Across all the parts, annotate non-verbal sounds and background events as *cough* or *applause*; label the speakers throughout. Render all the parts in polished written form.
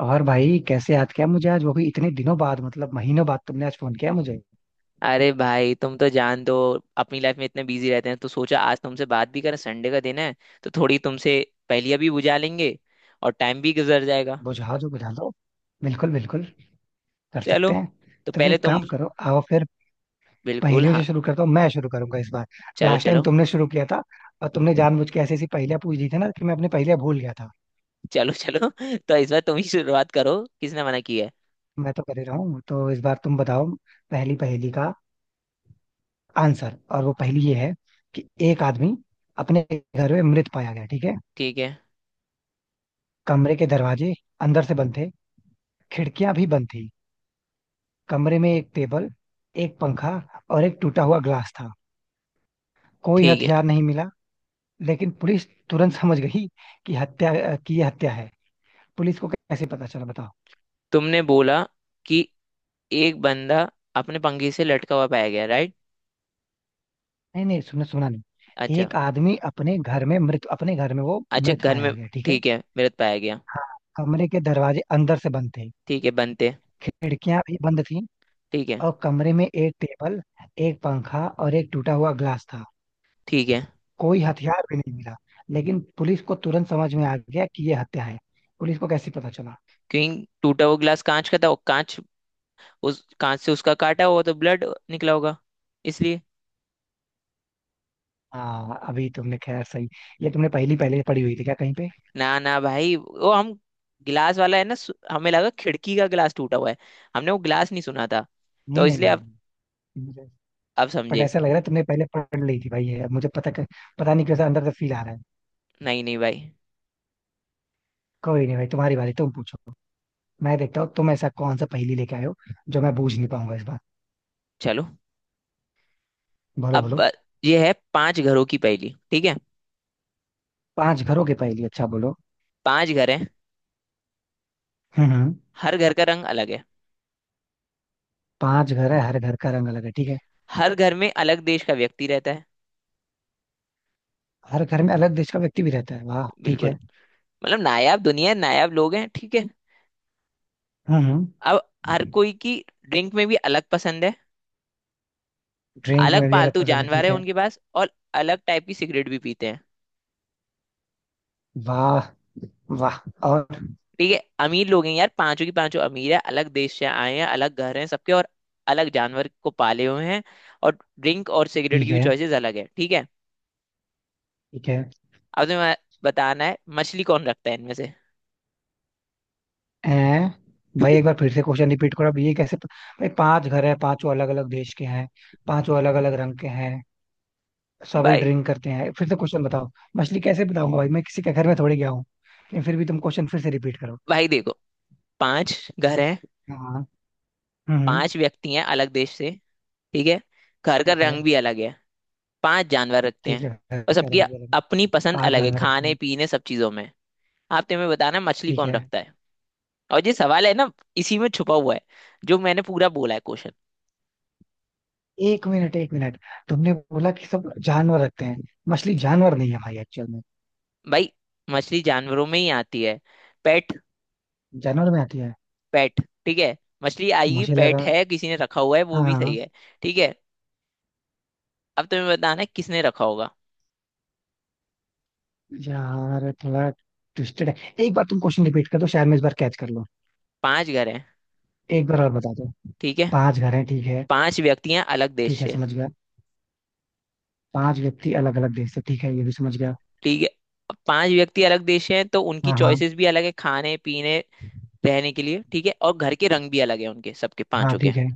Speaker 1: और भाई कैसे याद किया मुझे आज, वो भी इतने दिनों बाद, मतलब महीनों बाद तुमने आज फोन किया मुझे।
Speaker 2: अरे भाई तुम तो जान दो। अपनी लाइफ में इतने बिजी रहते हैं तो सोचा आज तुमसे बात भी करें, संडे का दिन है तो थोड़ी तुमसे पहेलियां भी बुझा लेंगे और टाइम भी गुजर जाएगा।
Speaker 1: बुझाओ जो बुझा दो। बिल्कुल बिल्कुल, कर
Speaker 2: चलो,
Speaker 1: सकते हैं।
Speaker 2: तो
Speaker 1: तो फिर
Speaker 2: पहले
Speaker 1: एक
Speaker 2: तुम।
Speaker 1: काम करो, आओ फिर
Speaker 2: बिल्कुल
Speaker 1: पहेलियों
Speaker 2: हाँ।
Speaker 1: से शुरू करता हूँ, मैं शुरू करूंगा इस बार।
Speaker 2: चलो
Speaker 1: लास्ट टाइम
Speaker 2: चलो
Speaker 1: तुमने शुरू किया था और तुमने जानबूझ के ऐसी ऐसी पहेलियां पूछ दी थी ना कि मैं अपनी पहेलियां भूल गया था।
Speaker 2: चलो चलो *laughs* तो इस बार तुम ही शुरुआत करो, किसने मना किया है।
Speaker 1: मैं तो कर ही रहा हूँ, तो इस बार तुम बताओ पहली पहेली का आंसर। और वो पहेली ये है कि एक आदमी अपने घर में मृत पाया गया, ठीक है।
Speaker 2: ठीक है।
Speaker 1: कमरे के दरवाजे अंदर से बंद थे, खिड़कियां भी बंद थी। कमरे में एक टेबल, एक पंखा और एक टूटा हुआ ग्लास था। कोई
Speaker 2: ठीक है।
Speaker 1: हथियार नहीं मिला, लेकिन पुलिस तुरंत समझ गई कि हत्या, की ये हत्या है। पुलिस को कैसे पता चला, बताओ।
Speaker 2: तुमने बोला कि एक बंदा अपने पंखे से लटका हुआ पाया गया, राइट।
Speaker 1: नहीं नहीं, सुना सुना नहीं।
Speaker 2: अच्छा।
Speaker 1: एक आदमी अपने घर में मृत, अपने घर में वो
Speaker 2: अच्छा,
Speaker 1: मृत
Speaker 2: घर में।
Speaker 1: पाया गया, ठीक है।
Speaker 2: ठीक है, मृत पाया गया।
Speaker 1: हाँ, कमरे के दरवाजे अंदर से बंद थे,
Speaker 2: ठीक है बनते।
Speaker 1: खिड़कियां भी बंद थी,
Speaker 2: ठीक है।
Speaker 1: और कमरे में एक टेबल, एक पंखा और एक टूटा हुआ ग्लास था।
Speaker 2: ठीक है।
Speaker 1: कोई हथियार भी नहीं मिला, लेकिन पुलिस को तुरंत समझ में आ गया कि ये हत्या है। पुलिस को कैसे पता चला?
Speaker 2: क्योंकि टूटा हुआ गिलास कांच का था और कांच, उस कांच से उसका काटा होगा तो ब्लड निकला होगा, इसलिए।
Speaker 1: हाँ अभी तुमने खैर सही। ये तुमने पहली पहले पढ़ी हुई थी क्या कहीं पे?
Speaker 2: ना ना भाई, वो हम गिलास वाला है ना, हमें लगा खिड़की का गिलास टूटा हुआ है, हमने वो गिलास नहीं सुना था।
Speaker 1: नहीं
Speaker 2: तो
Speaker 1: नहीं
Speaker 2: इसलिए
Speaker 1: नहीं
Speaker 2: अब
Speaker 1: नहीं, मुझे
Speaker 2: अब
Speaker 1: बट
Speaker 2: समझे।
Speaker 1: ऐसा लग रहा है तुमने पहले पढ़ ली थी भाई ये, अब मुझे पता नहीं कैसा अंदर से फील आ रहा है।
Speaker 2: नहीं नहीं भाई।
Speaker 1: कोई नहीं भाई, तुम्हारी बारी, तुम पूछो। मैं देखता हूँ तुम ऐसा कौन सा पहेली लेके आए हो जो मैं बूझ नहीं पाऊंगा इस बार।
Speaker 2: चलो।
Speaker 1: बोलो
Speaker 2: अब
Speaker 1: बोलो।
Speaker 2: ब- ये है पांच घरों की पहेली, ठीक है।
Speaker 1: पांच घरों की पहेली, अच्छा बोलो।
Speaker 2: पांच घर हैं,
Speaker 1: हम्म।
Speaker 2: हर घर का रंग अलग है,
Speaker 1: पांच घर है, हर घर का रंग अलग है, ठीक है।
Speaker 2: हर घर में अलग देश का व्यक्ति रहता है।
Speaker 1: हर घर में अलग देश का व्यक्ति भी रहता है, वाह ठीक
Speaker 2: बिल्कुल।
Speaker 1: है।
Speaker 2: मतलब नायाब दुनिया है, नायाब लोग हैं, ठीक है।
Speaker 1: हम्म।
Speaker 2: अब हर कोई की ड्रिंक में भी अलग पसंद है,
Speaker 1: ड्रिंक
Speaker 2: अलग
Speaker 1: में भी अलग
Speaker 2: पालतू
Speaker 1: पसंद है,
Speaker 2: जानवर
Speaker 1: ठीक
Speaker 2: है
Speaker 1: है।
Speaker 2: उनके पास, और अलग टाइप की सिगरेट भी पीते हैं।
Speaker 1: वाह वाह। और
Speaker 2: ठीक है, अमीर लोग हैं यार, पांचों की पांचों अमीर है, अलग देश से आए हैं, अलग घर हैं सबके, और अलग जानवर को पाले हुए हैं, और ड्रिंक और सिगरेट
Speaker 1: ठीक
Speaker 2: की भी
Speaker 1: है,
Speaker 2: चॉइसेस अलग है, ठीक है।
Speaker 1: ठीक है।
Speaker 2: अब तुम्हें बताना है मछली कौन रखता है इनमें से।
Speaker 1: हैं? भाई एक बार फिर से क्वेश्चन रिपीट करो, अब ये भाई पांच घर है, पांचों अलग अलग देश के हैं, पांचों अलग अलग रंग के हैं, सभी
Speaker 2: भाई
Speaker 1: ड्रिंक करते हैं, फिर से क्वेश्चन बताओ। मछली कैसे बताऊंगा भाई, मैं किसी के घर में थोड़ी गया हूँ। लेकिन फिर भी तुम क्वेश्चन फिर से रिपीट करो।
Speaker 2: भाई देखो, पांच घर हैं,
Speaker 1: हाँ, हम्म।
Speaker 2: पांच व्यक्ति हैं अलग देश से, ठीक है। घर का
Speaker 1: ठीक है,
Speaker 2: रंग भी अलग है, पांच जानवर रखते
Speaker 1: ठीक
Speaker 2: हैं,
Speaker 1: है, घर
Speaker 2: और
Speaker 1: का
Speaker 2: सबकी
Speaker 1: रंग भी अलग है।
Speaker 2: अपनी पसंद
Speaker 1: पांच
Speaker 2: अलग है
Speaker 1: जानवर रखते
Speaker 2: खाने
Speaker 1: हैं,
Speaker 2: पीने सब चीजों में। आप तुम्हें बताना है, मछली
Speaker 1: ठीक
Speaker 2: कौन
Speaker 1: है।
Speaker 2: रखता है, और ये सवाल है ना, इसी में छुपा हुआ है, जो मैंने पूरा बोला है क्वेश्चन।
Speaker 1: एक मिनट एक मिनट, तुमने बोला कि सब जानवर रखते हैं। मछली जानवर नहीं है भाई एक्चुअल में।
Speaker 2: भाई मछली जानवरों में ही आती है। पेट।
Speaker 1: जानवर में आती है?
Speaker 2: पेट, ठीक है। मछली आएगी,
Speaker 1: मुझे
Speaker 2: पेट
Speaker 1: लगा,
Speaker 2: है, किसी ने रखा हुआ है वो भी सही
Speaker 1: हाँ।
Speaker 2: है। ठीक है, अब तुम्हें बताना है किसने रखा होगा।
Speaker 1: यार थोड़ा ट्विस्टेड है। एक बार तुम क्वेश्चन रिपीट कर दो, शायद मैं इस बार कैच कर लूं।
Speaker 2: पांच घर हैं,
Speaker 1: एक बार और बता दो।
Speaker 2: ठीक है।
Speaker 1: पांच घर हैं, ठीक है।
Speaker 2: पांच व्यक्ति हैं अलग
Speaker 1: ठीक
Speaker 2: देश
Speaker 1: है
Speaker 2: से,
Speaker 1: समझ गया, पांच व्यक्ति अलग अलग देश से, ठीक है ये भी समझ गया।
Speaker 2: ठीक है। अब पांच व्यक्ति अलग देश से हैं, तो उनकी
Speaker 1: हाँ हाँ।
Speaker 2: चॉइसेस भी अलग है खाने पीने रहने के लिए, ठीक है। और घर के रंग भी अलग है उनके, सबके
Speaker 1: हाँ
Speaker 2: पांचों के।
Speaker 1: ठीक है।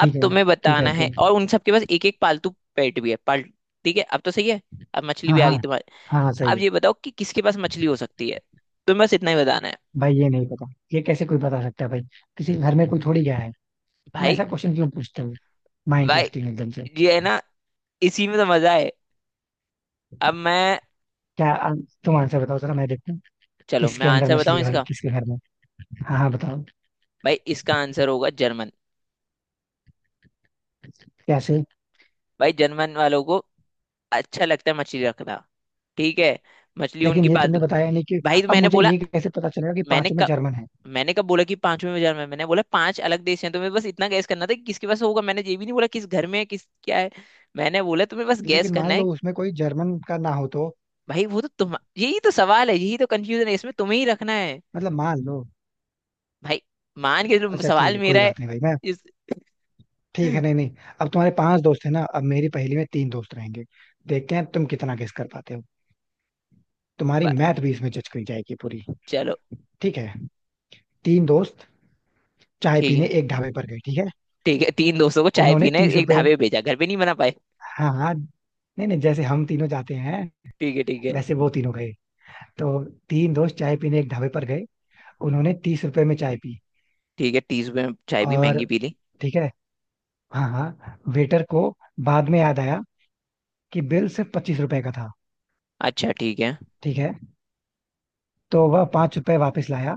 Speaker 2: अब
Speaker 1: है,
Speaker 2: तुम्हें
Speaker 1: ठीक है
Speaker 2: बताना
Speaker 1: ओके।
Speaker 2: है, और उन सबके पास एक एक पालतू पेट भी है पाल, ठीक है। अब तो सही है, अब मछली
Speaker 1: हाँ
Speaker 2: भी आ
Speaker 1: हाँ।
Speaker 2: गई तुम्हारे।
Speaker 1: हाँ हाँ सही
Speaker 2: अब
Speaker 1: है।
Speaker 2: ये बताओ कि किसके पास मछली हो सकती है, तुम्हें बस इतना ही बताना है।
Speaker 1: भाई ये नहीं पता, ये कैसे कोई बता सकता है भाई? किसी घर में कोई थोड़ी गया है। तुम
Speaker 2: भाई
Speaker 1: ऐसा क्वेश्चन क्यों पूछते हो? माइंड
Speaker 2: भाई
Speaker 1: ट्विस्टिंग एकदम से।
Speaker 2: ये है ना, इसी में तो मजा है। अब मैं
Speaker 1: क्या आ, तुम आंसर बताओ जरा मैं देखता हूँ।
Speaker 2: चलो मैं
Speaker 1: किसके अंदर
Speaker 2: आंसर
Speaker 1: मछली
Speaker 2: बताऊं
Speaker 1: है भाई,
Speaker 2: इसका।
Speaker 1: किसके घर में? हाँ हाँ बताओ।
Speaker 2: भाई इसका आंसर होगा जर्मन।
Speaker 1: कैसे?
Speaker 2: भाई जर्मन वालों को अच्छा लगता है मछली रखना, ठीक है। मछली
Speaker 1: लेकिन
Speaker 2: उनकी
Speaker 1: ये तुमने
Speaker 2: पालतू।
Speaker 1: बताया नहीं कि,
Speaker 2: भाई तो
Speaker 1: अब
Speaker 2: मैंने
Speaker 1: मुझे
Speaker 2: बोला,
Speaker 1: ये कैसे पता चलेगा कि
Speaker 2: मैंने
Speaker 1: पांचों में
Speaker 2: कब
Speaker 1: जर्मन है?
Speaker 2: मैंने कब बोला कि पांचवें बाजार में, मैंने बोला पांच अलग देश हैं, तुम्हें बस इतना गैस करना था कि किसके पास होगा, मैंने ये भी नहीं बोला किस घर में है किस क्या है। मैंने बोला तुम्हें बस गैस
Speaker 1: लेकिन
Speaker 2: करना
Speaker 1: मान लो
Speaker 2: है।
Speaker 1: उसमें कोई जर्मन का ना हो तो?
Speaker 2: भाई वो तो तुम, यही तो सवाल है, यही तो कंफ्यूजन है, इसमें तुम्हें ही रखना है।
Speaker 1: मतलब मान लो,
Speaker 2: भाई मान के चलो
Speaker 1: अच्छा ठीक
Speaker 2: सवाल
Speaker 1: है
Speaker 2: मेरा
Speaker 1: कोई
Speaker 2: है।
Speaker 1: बात नहीं भाई मैं,
Speaker 2: इस
Speaker 1: ठीक है, नहीं नहीं।
Speaker 2: *laughs*
Speaker 1: अब तुम्हारे पांच दोस्त हैं ना, अब मेरी पहेली में तीन दोस्त रहेंगे। देखते हैं तुम कितना गेस कर पाते हो। तुम्हारी
Speaker 2: बा-
Speaker 1: मैथ भी इसमें जज करी जाएगी पूरी।
Speaker 2: चलो।
Speaker 1: ठीक है, तीन दोस्त चाय
Speaker 2: ठीक
Speaker 1: पीने
Speaker 2: है।
Speaker 1: एक ढाबे पर गए, ठीक है।
Speaker 2: ठीक है तीन दोस्तों को चाय
Speaker 1: उन्होंने
Speaker 2: पीने
Speaker 1: तीस
Speaker 2: एक
Speaker 1: रुपए
Speaker 2: ढाबे पे भेजा, घर पे नहीं बना पाए।
Speaker 1: हाँ हाँ नहीं नहीं, जैसे हम तीनों जाते हैं
Speaker 2: ठीक है ठीक है।
Speaker 1: वैसे वो तीनों गए, तो तीन दोस्त चाय पीने एक ढाबे पर गए, उन्होंने 30 रुपए में चाय पी।
Speaker 2: ठीक है, तीस रुपये में चाय भी
Speaker 1: और
Speaker 2: महंगी पी ली।
Speaker 1: ठीक है, हाँ हाँ, वेटर को बाद में याद आया कि बिल सिर्फ 25 रुपए का था,
Speaker 2: अच्छा ठीक है।
Speaker 1: ठीक है। तो वह 5 रुपए वापस लाया,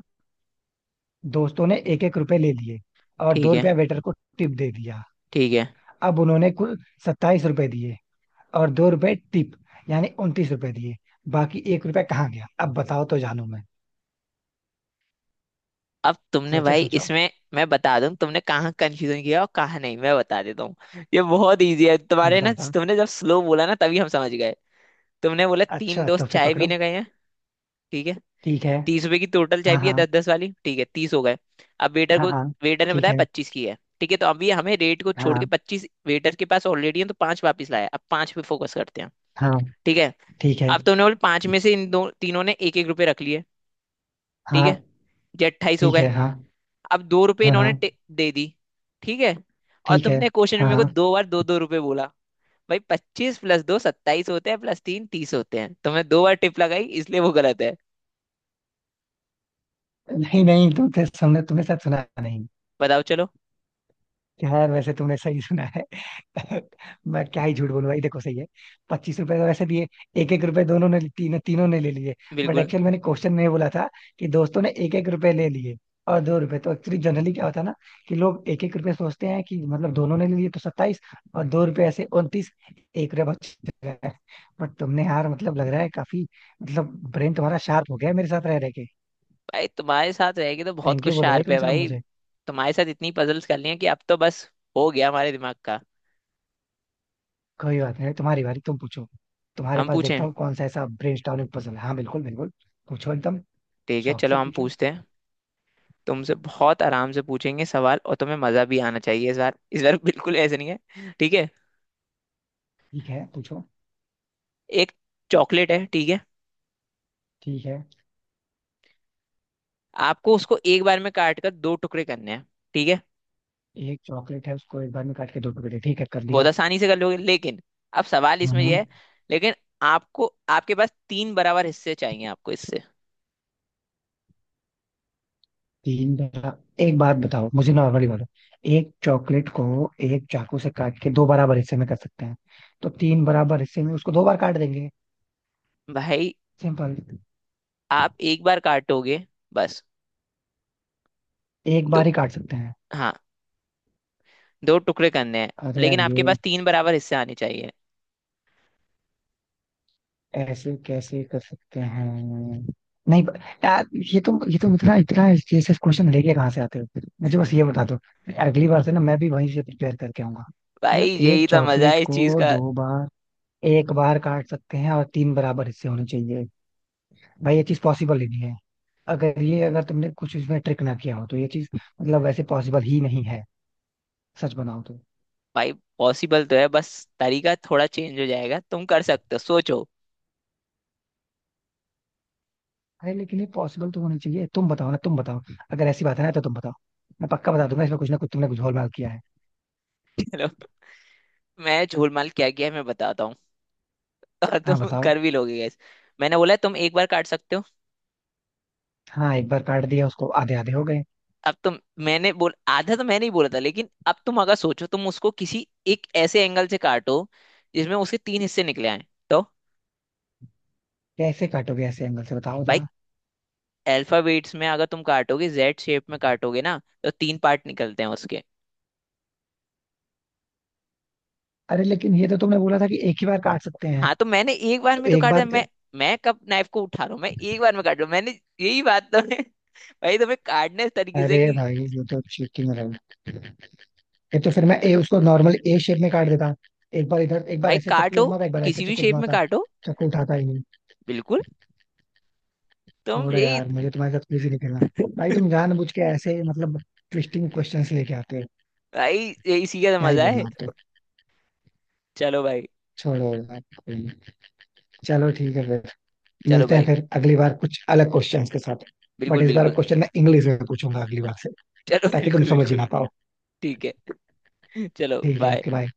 Speaker 1: दोस्तों ने एक एक रुपए ले लिए और
Speaker 2: ठीक
Speaker 1: दो
Speaker 2: है।
Speaker 1: रुपया वेटर को टिप दे दिया।
Speaker 2: ठीक है।
Speaker 1: अब उन्होंने कुल 27 रुपए दिए, और 2 रुपए टिप, यानी 29 रुपए दिए। बाकी एक रुपया कहाँ गया, अब बताओ तो जानू मैं।
Speaker 2: अब तुमने
Speaker 1: सोचो
Speaker 2: भाई
Speaker 1: सोचो।
Speaker 2: इसमें, मैं बता दूं तुमने कहाँ कंफ्यूजन किया और कहाँ नहीं, मैं बता देता हूँ। ये बहुत इजी है
Speaker 1: हम
Speaker 2: तुम्हारे
Speaker 1: बताओ
Speaker 2: ना,
Speaker 1: बताओ।
Speaker 2: तुमने जब स्लो बोला ना तभी हम समझ गए। तुमने बोला तीन
Speaker 1: अच्छा तो
Speaker 2: दोस्त
Speaker 1: फिर
Speaker 2: चाय
Speaker 1: पकड़ो,
Speaker 2: पीने गए हैं। ठीक है,
Speaker 1: ठीक है।
Speaker 2: तीस रुपए की टोटल चाय
Speaker 1: हाँ
Speaker 2: पी है,
Speaker 1: हाँ,
Speaker 2: दस दस वाली, ठीक है, तीस हो गए। अब वेटर
Speaker 1: हाँ
Speaker 2: को,
Speaker 1: हाँ,
Speaker 2: वेटर ने
Speaker 1: ठीक
Speaker 2: बताया
Speaker 1: है,
Speaker 2: पच्चीस की है, ठीक है, तो अभी हमें रेट को छोड़ के
Speaker 1: हाँ
Speaker 2: पच्चीस वेटर के पास ऑलरेडी है, तो पांच वापस लाया, अब पांच पे फोकस करते हैं,
Speaker 1: हाँ,
Speaker 2: ठीक है।
Speaker 1: ठीक है,
Speaker 2: अब तुमने बोले पांच में से इन दो, तीनों ने एक एक रुपये रख लिए, ठीक है,
Speaker 1: हाँ,
Speaker 2: ये अट्ठाईस हो
Speaker 1: ठीक
Speaker 2: गए।
Speaker 1: है, हाँ
Speaker 2: अब दो रुपए
Speaker 1: हाँ,
Speaker 2: इन्होंने
Speaker 1: हाँ
Speaker 2: दे दी, ठीक है। और
Speaker 1: ठीक है,
Speaker 2: तुमने क्वेश्चन में
Speaker 1: हाँ
Speaker 2: मेरे को
Speaker 1: हाँ।
Speaker 2: दो बार दो दो रुपए बोला। भाई पच्चीस प्लस दो सत्ताईस होते हैं, प्लस तीन तीस होते हैं, तुमने दो बार टिप लगाई इसलिए वो गलत है।
Speaker 1: नहीं नहीं, तुम तो तुमने तुमने शायद सुना नहीं।
Speaker 2: बताओ चलो।
Speaker 1: यार वैसे तुमने सही सुना है। *laughs* मैं क्या ही झूठ बोलूं भाई, देखो सही है। 25 रुपए का वैसे दिए, एक एक रुपए दोनों ने, तीनों तीनों ने ले लिए। बट
Speaker 2: बिल्कुल।
Speaker 1: एक्चुअल मैंने क्वेश्चन में ये बोला था कि दोस्तों ने एक एक रुपए ले लिए और दो रुपए, तो एक्चुअली जनरली क्या होता है ना कि लोग एक एक रुपए सोचते हैं, कि मतलब दोनों ने ले लिए तो 27, और दो रुपए ऐसे 29, एक रुपया बच गया। बट तुमने यार, मतलब लग रहा है काफी, मतलब ब्रेन तुम्हारा शार्प हो गया है मेरे साथ रह रहे के।
Speaker 2: भाई तुम्हारे साथ रहेगी तो बहुत
Speaker 1: थैंक
Speaker 2: कुछ
Speaker 1: यू बोलो भाई
Speaker 2: शार्प
Speaker 1: कम
Speaker 2: है
Speaker 1: से कम
Speaker 2: भाई।
Speaker 1: मुझे।
Speaker 2: तुम्हारे साथ इतनी पजल्स कर ली हैं कि अब तो बस हो गया हमारे दिमाग का।
Speaker 1: कोई बात नहीं, तुम्हारी बारी तुम पूछो। तुम्हारे
Speaker 2: हम
Speaker 1: पास देखता
Speaker 2: पूछें।
Speaker 1: हूँ कौन सा ऐसा ब्रेनस्टॉर्मिंग पजल है। हाँ बिल्कुल बिल्कुल। पूछो एकदम,
Speaker 2: ठीक है
Speaker 1: शौक से
Speaker 2: चलो हम
Speaker 1: पूछो।
Speaker 2: पूछते हैं। तुमसे बहुत आराम से पूछेंगे सवाल, और तुम्हें मजा भी आना चाहिए इस बार, इस बार बिल्कुल ऐसे नहीं है, ठीक है।
Speaker 1: ठीक है पूछो।
Speaker 2: एक चॉकलेट है, ठीक है।
Speaker 1: ठीक है।
Speaker 2: आपको उसको एक बार में काट कर दो टुकड़े करने हैं, ठीक है।
Speaker 1: एक चॉकलेट है उसको एक बार में काट के दो टुकड़े, ठीक है कर
Speaker 2: बहुत
Speaker 1: दिया।
Speaker 2: आसानी से कर लोगे, लेकिन अब सवाल इसमें यह
Speaker 1: हम्म।
Speaker 2: है, लेकिन आपको, आपके पास तीन बराबर हिस्से चाहिए आपको इससे।
Speaker 1: तीन बार? एक बात बताओ मुझे नॉर्मली बोलो, एक चॉकलेट को एक चाकू से काट के दो बराबर हिस्से में कर सकते हैं, तो तीन बराबर हिस्से में उसको दो बार काट देंगे,
Speaker 2: भाई
Speaker 1: सिंपल।
Speaker 2: आप एक बार काटोगे बस,
Speaker 1: एक बार
Speaker 2: दो,
Speaker 1: ही काट सकते हैं?
Speaker 2: हाँ दो टुकड़े करने हैं,
Speaker 1: अरे यार
Speaker 2: लेकिन आपके
Speaker 1: ये,
Speaker 2: पास तीन बराबर हिस्से आने चाहिए।
Speaker 1: ऐसे कैसे कर सकते हैं? नहीं ब- यार ये तुम इतना इतना ऐसे क्वेश्चन लेके कहाँ से आते हो, मुझे बस ये बता दो, अगली बार से ना मैं भी वहीं से प्रिपेयर करके आऊंगा।
Speaker 2: भाई
Speaker 1: मतलब एक
Speaker 2: यही तो मजा
Speaker 1: चॉकलेट
Speaker 2: है इस चीज
Speaker 1: को
Speaker 2: का।
Speaker 1: दो बार, एक बार काट सकते हैं और तीन बराबर हिस्से होने चाहिए, भाई ये चीज पॉसिबल ही नहीं है। अगर ये, अगर तुमने कुछ इसमें ट्रिक ना किया हो तो ये चीज मतलब वैसे पॉसिबल ही नहीं है, सच बनाओ तो।
Speaker 2: भाई पॉसिबल तो है, बस तरीका थोड़ा चेंज हो जाएगा, तुम कर सकते हो सोचो।
Speaker 1: अरे लेकिन ये पॉसिबल तो होनी चाहिए, तुम बताओ ना, तुम बताओ, अगर ऐसी बात है ना तो तुम बताओ। मैं पक्का बता दूंगा इसमें कुछ ना कुछ, तुमने कुछ झोलमाल किया है।
Speaker 2: चलो मैं झोलमाल क्या किया है मैं बताता हूँ, और
Speaker 1: हाँ
Speaker 2: तुम
Speaker 1: बताओ।
Speaker 2: कर भी लोगे guys। मैंने बोला है, तुम एक बार काट सकते हो।
Speaker 1: हाँ एक बार काट दिया, उसको आधे आधे हो गए।
Speaker 2: अब तुम, मैंने बोल आधा तो मैंने ही बोला था, लेकिन अब तुम अगर सोचो, तुम उसको किसी एक ऐसे एंगल से काटो जिसमें उसके तीन हिस्से निकले आए तो।
Speaker 1: कैसे काटोगे ऐसे एंगल से बताओ
Speaker 2: भाई
Speaker 1: जरा?
Speaker 2: अल्फाबेट्स में अगर तुम काटोगे, जेड शेप में काटोगे ना, तो तीन पार्ट निकलते हैं उसके।
Speaker 1: अरे लेकिन ये तो तुमने बोला था कि एक ही बार काट सकते हैं।
Speaker 2: हाँ तो मैंने एक बार
Speaker 1: तो
Speaker 2: में तो
Speaker 1: एक
Speaker 2: काटा
Speaker 1: बार,
Speaker 2: है। मैं कब नाइफ को उठा रहा हूँ, मैं एक बार में काट रहा हूँ मैंने, यही बात तो है भाई। तुम्हें काटने इस तरीके
Speaker 1: अरे
Speaker 2: से कि,
Speaker 1: भाई ये तो चीटिंग है। ये तो फिर मैं ए उसको नॉर्मल ए शेप में काट देता, एक बार इधर, एक बार
Speaker 2: भाई
Speaker 1: ऐसे चक्कू
Speaker 2: काटो
Speaker 1: घुमाता, एक बार ऐसे
Speaker 2: किसी भी
Speaker 1: चक्कू
Speaker 2: शेप में
Speaker 1: घुमाता,
Speaker 2: काटो।
Speaker 1: चक्कू उठाता ही नहीं।
Speaker 2: बिल्कुल, तुम
Speaker 1: छोड़ो
Speaker 2: यही।
Speaker 1: यार, मुझे तुम्हारे साथ कुछ ही नहीं खेलना। भाई
Speaker 2: *laughs*
Speaker 1: तुम जानबूझ के ऐसे, मतलब ट्विस्टिंग क्वेश्चंस लेके आते हो।
Speaker 2: भाई यही, इसी का तो
Speaker 1: क्या ही
Speaker 2: मजा
Speaker 1: बोलना
Speaker 2: है।
Speaker 1: आपको।
Speaker 2: चलो भाई।
Speaker 1: छोड़ो यार, कोई नहीं। चलो ठीक है फिर,
Speaker 2: चलो
Speaker 1: मिलते हैं
Speaker 2: भाई,
Speaker 1: फिर अगली बार कुछ अलग क्वेश्चंस के साथ। बट
Speaker 2: बिल्कुल
Speaker 1: इस बार
Speaker 2: बिल्कुल।
Speaker 1: क्वेश्चन मैं इंग्लिश में पूछूंगा अगली बार से,
Speaker 2: चलो
Speaker 1: ताकि तुम
Speaker 2: बिल्कुल
Speaker 1: समझ ही
Speaker 2: बिल्कुल।
Speaker 1: ना पाओ।
Speaker 2: ठीक है। *laughs* चलो
Speaker 1: ठीक है,
Speaker 2: बाय।
Speaker 1: Okay bye.